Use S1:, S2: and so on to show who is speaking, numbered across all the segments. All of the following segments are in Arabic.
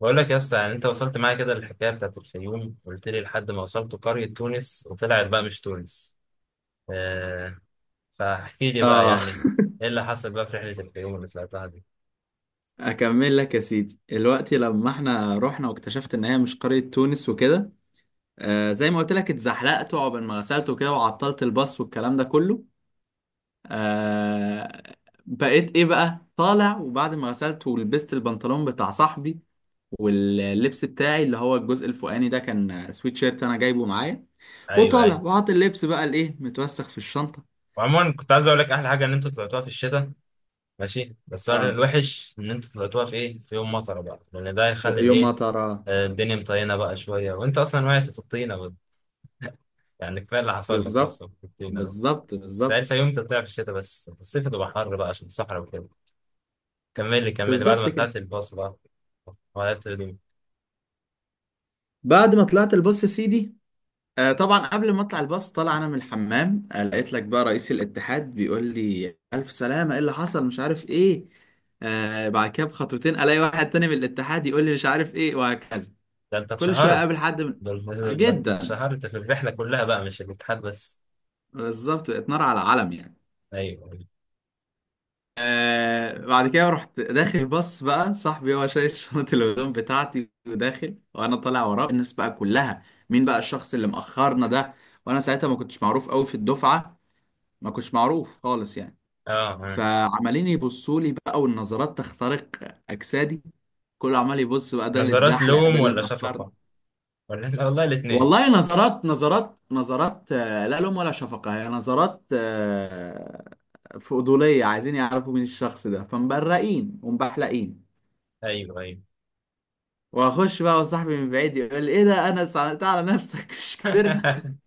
S1: بقول لك يا اسطى، يعني انت وصلت معايا كده للحكايه بتاعت الفيوم، قلت لي لحد ما وصلت قريه تونس وطلعت بقى مش تونس. آه، فاحكي لي بقى
S2: اه.
S1: يعني ايه اللي حصل بقى في رحله الفيوم اللي طلعتها دي.
S2: اكمل لك يا سيدي دلوقتي، لما احنا رحنا واكتشفت ان هي مش قرية تونس وكده. زي ما قلت لك، اتزحلقت وعقبال ما غسلت وكده، وعطلت الباص والكلام ده كله. آه بقيت ايه بقى طالع، وبعد ما غسلت ولبست البنطلون بتاع صاحبي، واللبس بتاعي اللي هو الجزء الفوقاني ده كان سويت شيرت انا جايبه معايا،
S1: ايوه، ايوه.
S2: وطالع وحاطط اللبس بقى الايه متوسخ في الشنطة.
S1: وعموما كنت عايز اقول لك احلى حاجه ان انتوا طلعتوها في الشتاء. ماشي، بس هو
S2: اه،
S1: الوحش ان انتوا طلعتوها في ايه، في يوم مطره بقى، لان ده هيخلي
S2: يوم ما
S1: الايه.
S2: ترى.
S1: الدنيا مطينه بقى شويه وانت اصلا وقعت في الطينه بقى. يعني كفايه اللي حصل لك
S2: بالظبط.
S1: اصلا في الطينه ده.
S2: بالظبط،
S1: بس هي
S2: بالظبط،
S1: الفيوم تطلع في الشتاء، بس في الصيف تبقى حر بقى عشان الصحراء وكده. كملي كملي بعد ما
S2: بالظبط كده.
S1: طلعت الباص بقى غيرت هدومي.
S2: بعد ما طلعت الباص يا سيدي. طبعا، قبل ما اطلع الباص طالع انا من الحمام، لقيت لك بقى رئيس الاتحاد بيقول لي الف سلامه، ايه اللي حصل مش عارف ايه. بعد كده بخطوتين الاقي واحد تاني من الاتحاد يقول لي مش عارف ايه وهكذا.
S1: ده انت
S2: كل شويه اقابل
S1: اتشهرت.
S2: حد.
S1: ده انت
S2: جدا.
S1: اتشهرت في الرحلة كلها بقى، مش الاتحاد بس.
S2: بالظبط، بقت نار على علم يعني.
S1: ايوه ايوه.
S2: بعد كده رحت داخل الباص، بقى صاحبي هو شايل شنطة الهدوم بتاعتي وداخل، وانا طالع وراه، الناس بقى كلها: مين بقى الشخص اللي مأخرنا ده؟ وانا ساعتها ما كنتش معروف قوي في الدفعة، ما كنتش معروف خالص يعني.
S1: اه، آه.
S2: فعمالين يبصوا لي بقى، والنظرات تخترق اجسادي، كله عمال يبص بقى: ده اللي
S1: نظرات
S2: اتزحلق، ده
S1: لوم
S2: اللي
S1: ولا
S2: مأخرني.
S1: شفقة؟ ولا والله الاتنين.
S2: والله نظرات، نظرات، نظرات، لا لوم ولا شفقة، هي نظرات فضولية، عايزين يعرفوا مين الشخص ده، فمبرقين ومبحلقين.
S1: ايوه ايوه.
S2: واخش بقى، وصاحبي من بعيد يقول لي: ايه ده انس، عملتها على نفسك، مش كبرنا؟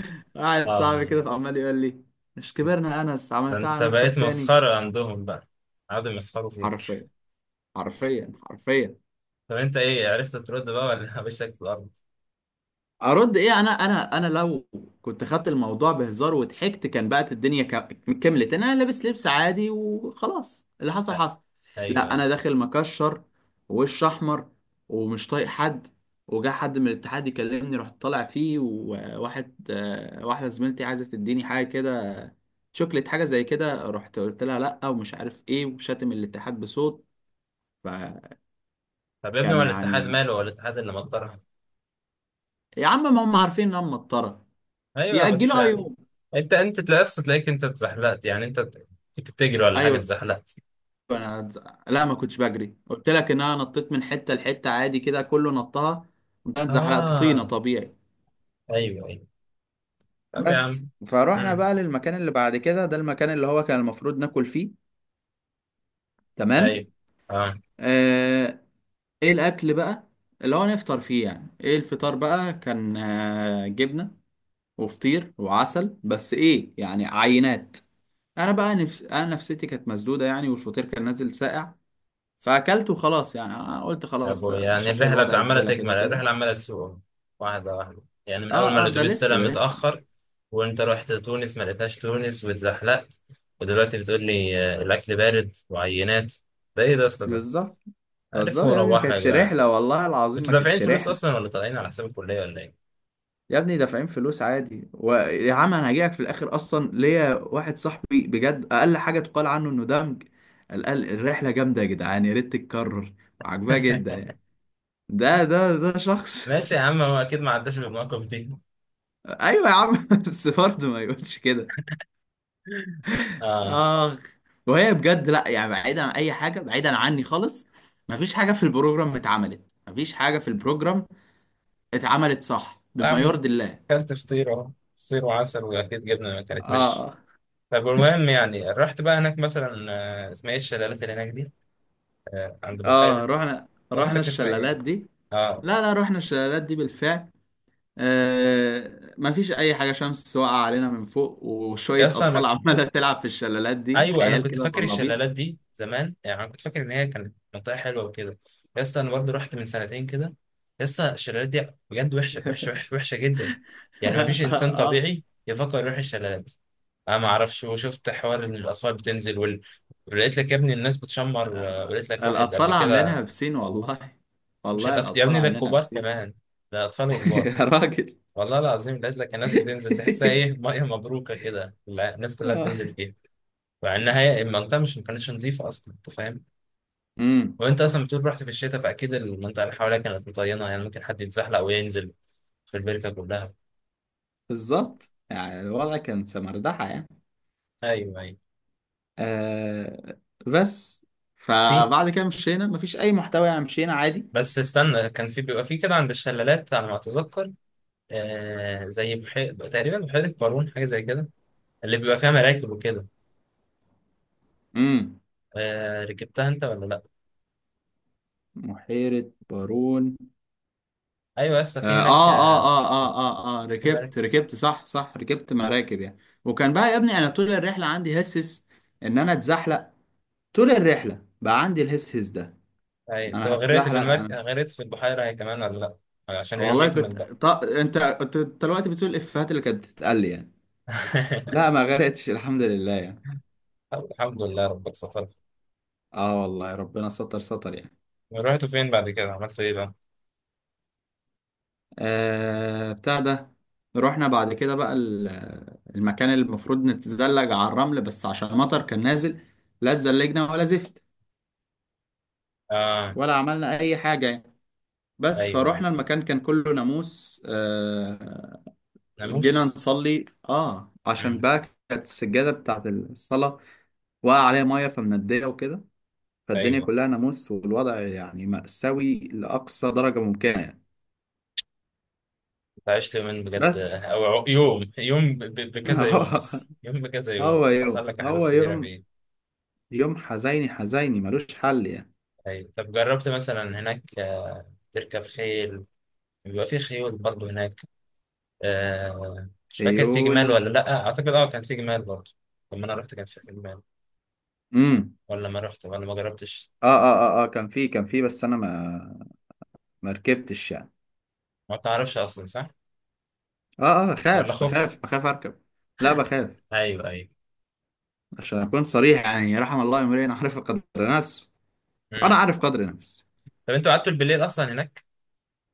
S2: قاعد صاحبي كده
S1: اه.
S2: فعمال يقول لي: مش كبرنا يا انس،
S1: ده
S2: عملتها
S1: انت
S2: على نفسك
S1: بقيت
S2: تاني؟
S1: مسخرة عندهم بقى، قعدوا يمسخروا فيك.
S2: حرفيا. حرفيا حرفيا.
S1: طب انت ايه، عرفت ترد بقى ولا وشك في الارض؟
S2: ارد ايه؟ انا لو كنت خدت الموضوع بهزار وضحكت، كان بقت الدنيا، كملت انا لابس لبس عادي وخلاص، اللي حصل
S1: آه،
S2: حصل.
S1: ايوه
S2: لا،
S1: ايوه.
S2: انا داخل مكشر ووش احمر ومش طايق حد. وجا حد من الاتحاد يكلمني رحت طالع فيه، وواحد آه، واحده زميلتي عايزه تديني حاجه كده، شوكليت حاجه زي كده، رحت قلت لها لا ومش عارف ايه، وشاتم الاتحاد بصوت. فكان.
S1: طب يا ابني، هو الاتحاد
S2: يعني
S1: ماله؟ هو الاتحاد اللي مطرها؟
S2: يا عم ما هم عارفين ان انا مطره.
S1: ايوه بس
S2: ياجلوها
S1: يعني.
S2: يوم.
S1: انت انت تلاقيت، تلاقيك انت اتزحلقت، يعني انت كنت بتجري ولا حاجه
S2: ايوه.
S1: اتزحلقت؟
S2: انا هتز- لا، ما كنتش بجري، قلت لك ان انا نطيت من حته لحته عادي كده، كله نطها، قمت انا اتزحلقت طينه
S1: اه.
S2: طبيعي.
S1: ايوه ايوه. طب يا
S2: بس
S1: عم.
S2: فروحنا
S1: امم.
S2: بقى للمكان اللي بعد كده، ده المكان اللي هو كان المفروض ناكل فيه. تمام.
S1: ايوه. اه.
S2: آه... ايه الاكل بقى اللي هو نفطر فيه يعني؟ ايه الفطار بقى؟ كان جبنه وفطير وعسل، بس ايه يعني، عينات. انا نفسيتي كانت مسدوده يعني، والفطير كان نازل ساقع، فاكلته خلاص يعني. أنا قلت
S1: يا
S2: خلاص،
S1: ابوي،
S2: ده
S1: يعني
S2: شكل
S1: الرحله
S2: الوضع
S1: عماله
S2: زباله كده
S1: تكمل،
S2: كده.
S1: الرحله عماله تسوق واحده واحده، يعني من
S2: اه
S1: اول ما
S2: اه، ده
S1: الاتوبيس
S2: لسه،
S1: طلع
S2: ده لسه.
S1: متاخر وانت رحت تونس ما لقيتهاش تونس واتزحلقت، ودلوقتي بتقول لي الاكل بارد وعينات. ده ايه ده يا اسطى ده؟
S2: بالظبط. بالظبط
S1: عرفوا
S2: يا ابني، ما
S1: وروحوا يا
S2: كانتش
S1: جدعان.
S2: رحلة، والله العظيم
S1: انتوا
S2: ما
S1: دافعين
S2: كانتش
S1: فلوس
S2: رحلة.
S1: اصلا ولا طالعين على حساب الكليه ولا
S2: يا ابني دافعين فلوس عادي، ويا عم انا هجيلك في الاخر اصلا، ليا واحد صاحبي بجد، اقل حاجة تقال عنه انه دمج، قال الرحلة جامدة يا جدعان، يا ريت تتكرر، وعجباه
S1: ايه؟
S2: جدا يعني، ده شخص.
S1: ماشي يا عم، هو اكيد ما عداش بالمواقف دي.
S2: ايوه يا عم. بس برضه ما يقولش كده.
S1: اه.
S2: اخ. وهي بجد لا، يعني بعيدا عن اي حاجة بعيدا عني خالص، ما فيش حاجة في البروجرام اتعملت، ما فيش حاجة في البروجرام اتعملت صح
S1: يا
S2: بما
S1: عم انت
S2: يرضي الله.
S1: اكلت فطير اهو، فطير وعسل، واكيد جبنه، ما كانت مش.
S2: اه
S1: طب المهم يعني رحت بقى هناك مثلا، اسمها ايه الشلالات اللي هناك دي، عند بحيره.
S2: اه، رحنا
S1: انا مش
S2: رحنا
S1: فاكر اسمها ايه.
S2: الشلالات دي.
S1: اه.
S2: لا لا، رحنا الشلالات دي بالفعل. ما فيش اي حاجه، شمس واقعه علينا من فوق،
S1: يا
S2: وشويه
S1: اسطى
S2: اطفال
S1: انا،
S2: عماله تلعب في الشلالات دي،
S1: ايوه، انا
S2: عيال
S1: كنت
S2: كده
S1: فاكر الشلالات
S2: بلابيس.
S1: دي زمان، يعني انا كنت فاكر ان هي كانت منطقه حلوه وكده. يا اسطى انا برضه رحت من سنتين كده. يا اسطى الشلالات دي بجد وحشه وحشه وحشه وحشه جدا. يعني ما فيش انسان
S2: اه،
S1: طبيعي يفكر يروح الشلالات. انا ما اعرفش، وشفت حوار ان الاطفال بتنزل ولقيت لك يا ابني الناس بتشمر ولقيت لك واحد قبل
S2: الاطفال
S1: كده.
S2: عاملينها بسين والله،
S1: مش
S2: والله
S1: الأط... يا
S2: الاطفال
S1: ابني ده
S2: عاملينها
S1: الكبار
S2: بسين.
S1: كمان، ده اطفال وكبار.
S2: يا راجل.
S1: والله العظيم لقيت لك الناس بتنزل، تحسها ايه، ميه مبروكه كده، لا، الناس كلها بتنزل فيها. مع انها المنطقه مش، ما كانتش نظيفه اصلا، انت فاهم.
S2: امم.
S1: وانت اصلا بتقول رحت في الشتاء، فاكيد المنطقه اللي حواليها كانت مطينه، يعني ممكن حد يتزحلق وينزل في البركه كلها.
S2: بالظبط، يعني الوضع كان سمردحه يعني.
S1: ايوه ايوه.
S2: آه بس،
S1: في.
S2: فبعد كده مشينا مفيش اي محتوى يعني، مشينا عادي.
S1: بس استنى، كان في، بيبقى في كده عند الشلالات على ما اتذكر، آه زي بحير تقريبا، بحيره قارون حاجه زي كده، اللي بيبقى فيها مراكب وكده.
S2: امم.
S1: آه، ركبتها انت ولا لا؟
S2: بحيرة بارون.
S1: ايوه يا اسطى في هناك،
S2: اه
S1: آه،
S2: اه اه اه اه اه،
S1: في
S2: ركبت
S1: مراكب.
S2: ركبت صح صح، ركبت مراكب يعني. وكان بقى يا ابني، انا طول الرحلة عندي هسس ان انا اتزحلق، طول الرحلة بقى عندي الهسهس ده،
S1: ايوه، طب
S2: انا
S1: غرقت في
S2: هتزحلق انا
S1: المركب،
S2: مش.
S1: غرقت في البحيره هي كمان ولا؟ لا عشان اليوم
S2: والله كنت
S1: يكمل بقى.
S2: ط... انت انت أنت دلوقتي بتقول الافيهات اللي كانت بتتقال لي يعني. لا ما غرقتش، الحمد لله يعني.
S1: الحمد لله ربك ستر.
S2: اه، والله ربنا ستر، ستر يعني.
S1: رحتوا فين بعد كده، عملتوا ايه بقى؟
S2: بتاع ده. رحنا بعد كده بقى المكان اللي المفروض نتزلج على الرمل، بس عشان مطر كان نازل لا اتزلجنا ولا زفت،
S1: اه.
S2: ولا عملنا اي حاجة يعني. بس
S1: ايوه أيوة.
S2: فروحنا المكان كان كله ناموس. جينا
S1: ناموس.
S2: نصلي عشان
S1: مم.
S2: بقى كانت السجادة بتاعت الصلاة وقع عليها مية فمندية وكده، فالدنيا
S1: ايوه.
S2: كلها ناموس، والوضع يعني مأساوي لأقصى درجة ممكنة يعني.
S1: انت عشت يومين بجد،
S2: بس.
S1: او يوم، يوم بكذا يوم اصلا، يوم
S2: هو
S1: بكذا يوم
S2: هو
S1: حصل
S2: يوم
S1: لك احداث
S2: هو
S1: كتيره
S2: يوم
S1: فيه.
S2: يوم حزيني حزيني ملوش حل يعني.
S1: ايوه. طب جربت مثلا هناك، تركب خيل، بيبقى في خيول برضه هناك. آه مش فاكر في
S2: خيول.
S1: جمال ولا لا، اعتقد اه كان في جمال برضه. لما انا رحت كان في جمال،
S2: امم.
S1: ولا ما رحت ولا ما جربتش.
S2: اه اه اه اه كان في، بس انا ما ركبتش يعني.
S1: ما تعرفش اصلا، صح؟
S2: اه اه،
S1: ولا
S2: بخاف بخاف
S1: خفت.
S2: بخاف اركب. لا، بخاف.
S1: ايوه ايوه.
S2: عشان اكون صريح يعني، رحم الله امرئ عرف قدر نفسه، انا
S1: مم.
S2: عارف قدر نفسي.
S1: طب انتوا قعدتوا بالليل اصلا هناك؟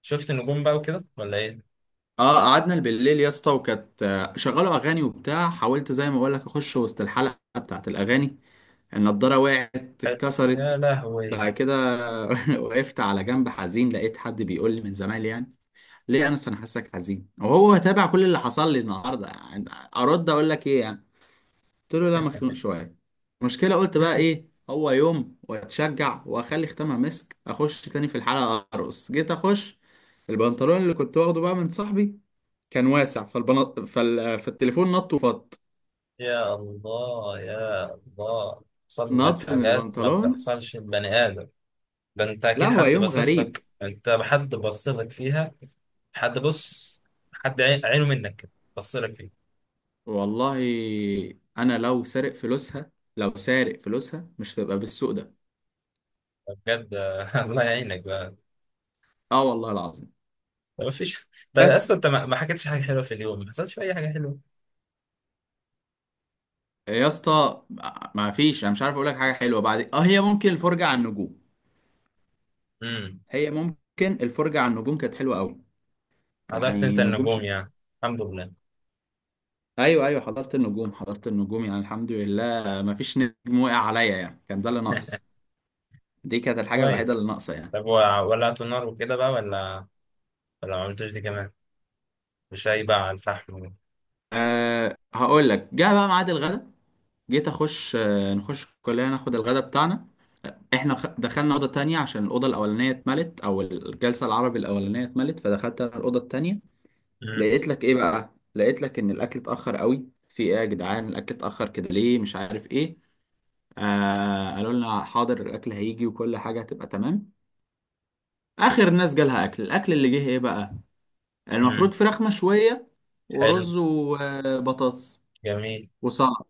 S1: شفت النجوم بقى وكده ولا ايه؟
S2: اه قعدنا بالليل يا اسطى، وكانت شغلوا اغاني وبتاع، حاولت زي ما بقول لك اخش وسط الحلقه بتاعت الاغاني، النضاره وقعت،
S1: حلو. يا
S2: اتكسرت.
S1: لهوي.
S2: بعد كده، وقفت على جنب حزين، لقيت حد بيقول لي من زمان يعني: ليه يا انس، انا حاسك حزين؟ وهو تابع كل اللي حصل لي النهارده يعني. ارد اقول لك ايه يعني؟ قلت له لا، مخنوق شويه. المشكله قلت بقى، ايه هو يوم، واتشجع واخلي ختامها مسك، اخش تاني في الحلقه ارقص، جيت اخش، البنطلون اللي كنت واخده بقى من صاحبي كان واسع، فالتليفون نط وفط،
S1: يا الله يا الله، بتحصل لك
S2: نط من
S1: حاجات ما
S2: البنطلون.
S1: بتحصلش لبني آدم. ده انت
S2: لا
S1: اكيد
S2: هو
S1: حد
S2: يوم
S1: باصص
S2: غريب.
S1: لك، انت حد بص لك فيها. حد بص، عينه منك كده، بص لك فيها.
S2: والله. انا لو سارق فلوسها لو سارق فلوسها مش هتبقى بالسوء ده.
S1: بجد. الله يعينك بقى.
S2: اه، والله العظيم.
S1: ما فيش. طيب اصلا
S2: بس
S1: انت ما حكيتش حاجه حلوه في اليوم، ما حصلش في اي حاجه حلوه؟
S2: يا اسطى، ما فيش، انا مش عارف اقول لك حاجه حلوه، بعد هي ممكن الفرجه على النجوم،
S1: امم.
S2: هي ممكن الفرجه على النجوم كانت حلوه قوي
S1: حضرت انت
S2: يعني، نجوم
S1: النجوم
S2: شك...
S1: يعني؟ الحمد لله.
S2: ايوه ايوه حضرت النجوم، حضرت النجوم يعني، الحمد لله ما فيش نجم وقع عليا يعني، كان ده اللي ناقص، دي كانت الحاجه الوحيده اللي
S1: كويس.
S2: ناقصه يعني.
S1: طب ولعتوا النار وكده بقى ولا، ولا ما عملتوش دي كمان؟ وشايبة على الفحم.
S2: هقول لك جه بقى ميعاد الغدا. جيت اخش آه، نخش كلنا ناخد الغدا بتاعنا. احنا دخلنا اوضه تانية عشان الاوضه الاولانيه اتملت، او الجلسه العربي الاولانيه اتملت، فدخلت أنا الاوضه التانية.
S1: مم.
S2: لقيت لك ايه بقى، لقيت لك ان الاكل اتاخر قوي، في ايه يا جدعان الاكل اتاخر كده ليه مش عارف ايه. قالوا لنا حاضر، الاكل هيجي وكل حاجه هتبقى تمام. اخر الناس جالها اكل، الاكل اللي جه ايه بقى؟ المفروض
S1: مم.
S2: فراخ مشويه
S1: حلو.
S2: ورز وبطاطس
S1: جميل.
S2: وسلطه.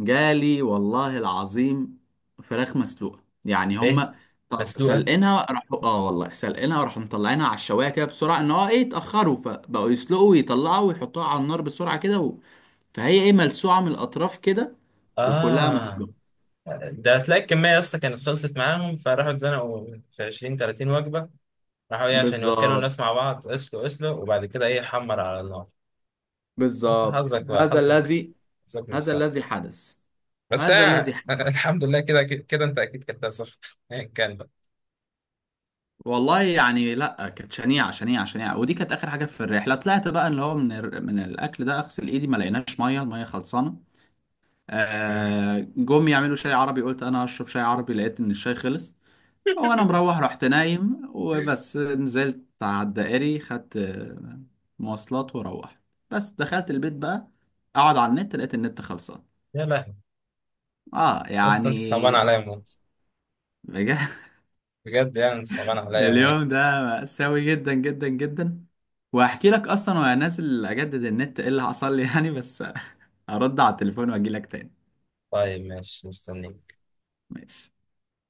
S2: جالي والله العظيم فراخ مسلوقه يعني،
S1: ايه.
S2: هم
S1: مسلوقة.
S2: سلقينها راحوا، اه والله سلقينها راحوا مطلعينها على الشوايه كده بسرعه، ان هو ايه، اتاخروا فبقوا يسلقوا ويطلعوا ويحطوها على النار بسرعه كده، فهي ايه ملسوعة من الأطراف كده، وكلها
S1: اه.
S2: مسلوقة.
S1: ده هتلاقي الكمية يا اسطى كانت خلصت معاهم، فراحوا اتزنقوا في 20 30 وجبة. راحوا ايه عشان يوكلوا
S2: بالظبط.
S1: الناس مع بعض؟ اسلق اسلق وبعد كده ايه، حمر على النار. فانت
S2: بالظبط
S1: حظك بقى، حظك، حظك مش
S2: هذا
S1: صعب.
S2: الذي حدث،
S1: بس
S2: هذا
S1: آه.
S2: الذي حدث.
S1: الحمد لله، كده كده انت اكيد كلتها صح، ايا كان بقى.
S2: والله يعني لا، كانت شنيعة شنيعة شنيعة، ودي كانت آخر حاجة في الرحلة طلعت بقى، اللي هو من الأكل ده، أغسل إيدي ما لقيناش مية، المية خلصانة.
S1: مم.
S2: جم يعملوا شاي عربي، قلت أنا هشرب شاي عربي، لقيت إن الشاي خلص. وانا مروح رحت نايم، وبس نزلت على الدائري خدت مواصلات وروحت، بس دخلت البيت بقى اقعد على النت لقيت النت خلصان.
S1: يا لهوي.
S2: اه
S1: يا اسطى
S2: يعني،
S1: انت صعبان عليا موت.
S2: بجد.
S1: بجد، يعني انت صعبان عليا
S2: اليوم ده
S1: موت.
S2: مأساوي جدا جدا جدا. وهحكي لك اصلا وانا نازل اجدد النت ايه اللي حصل لي يعني، بس. هرد على التليفون واجي لك تاني.
S1: طيب ماشي، مستنيك.
S2: ماشي.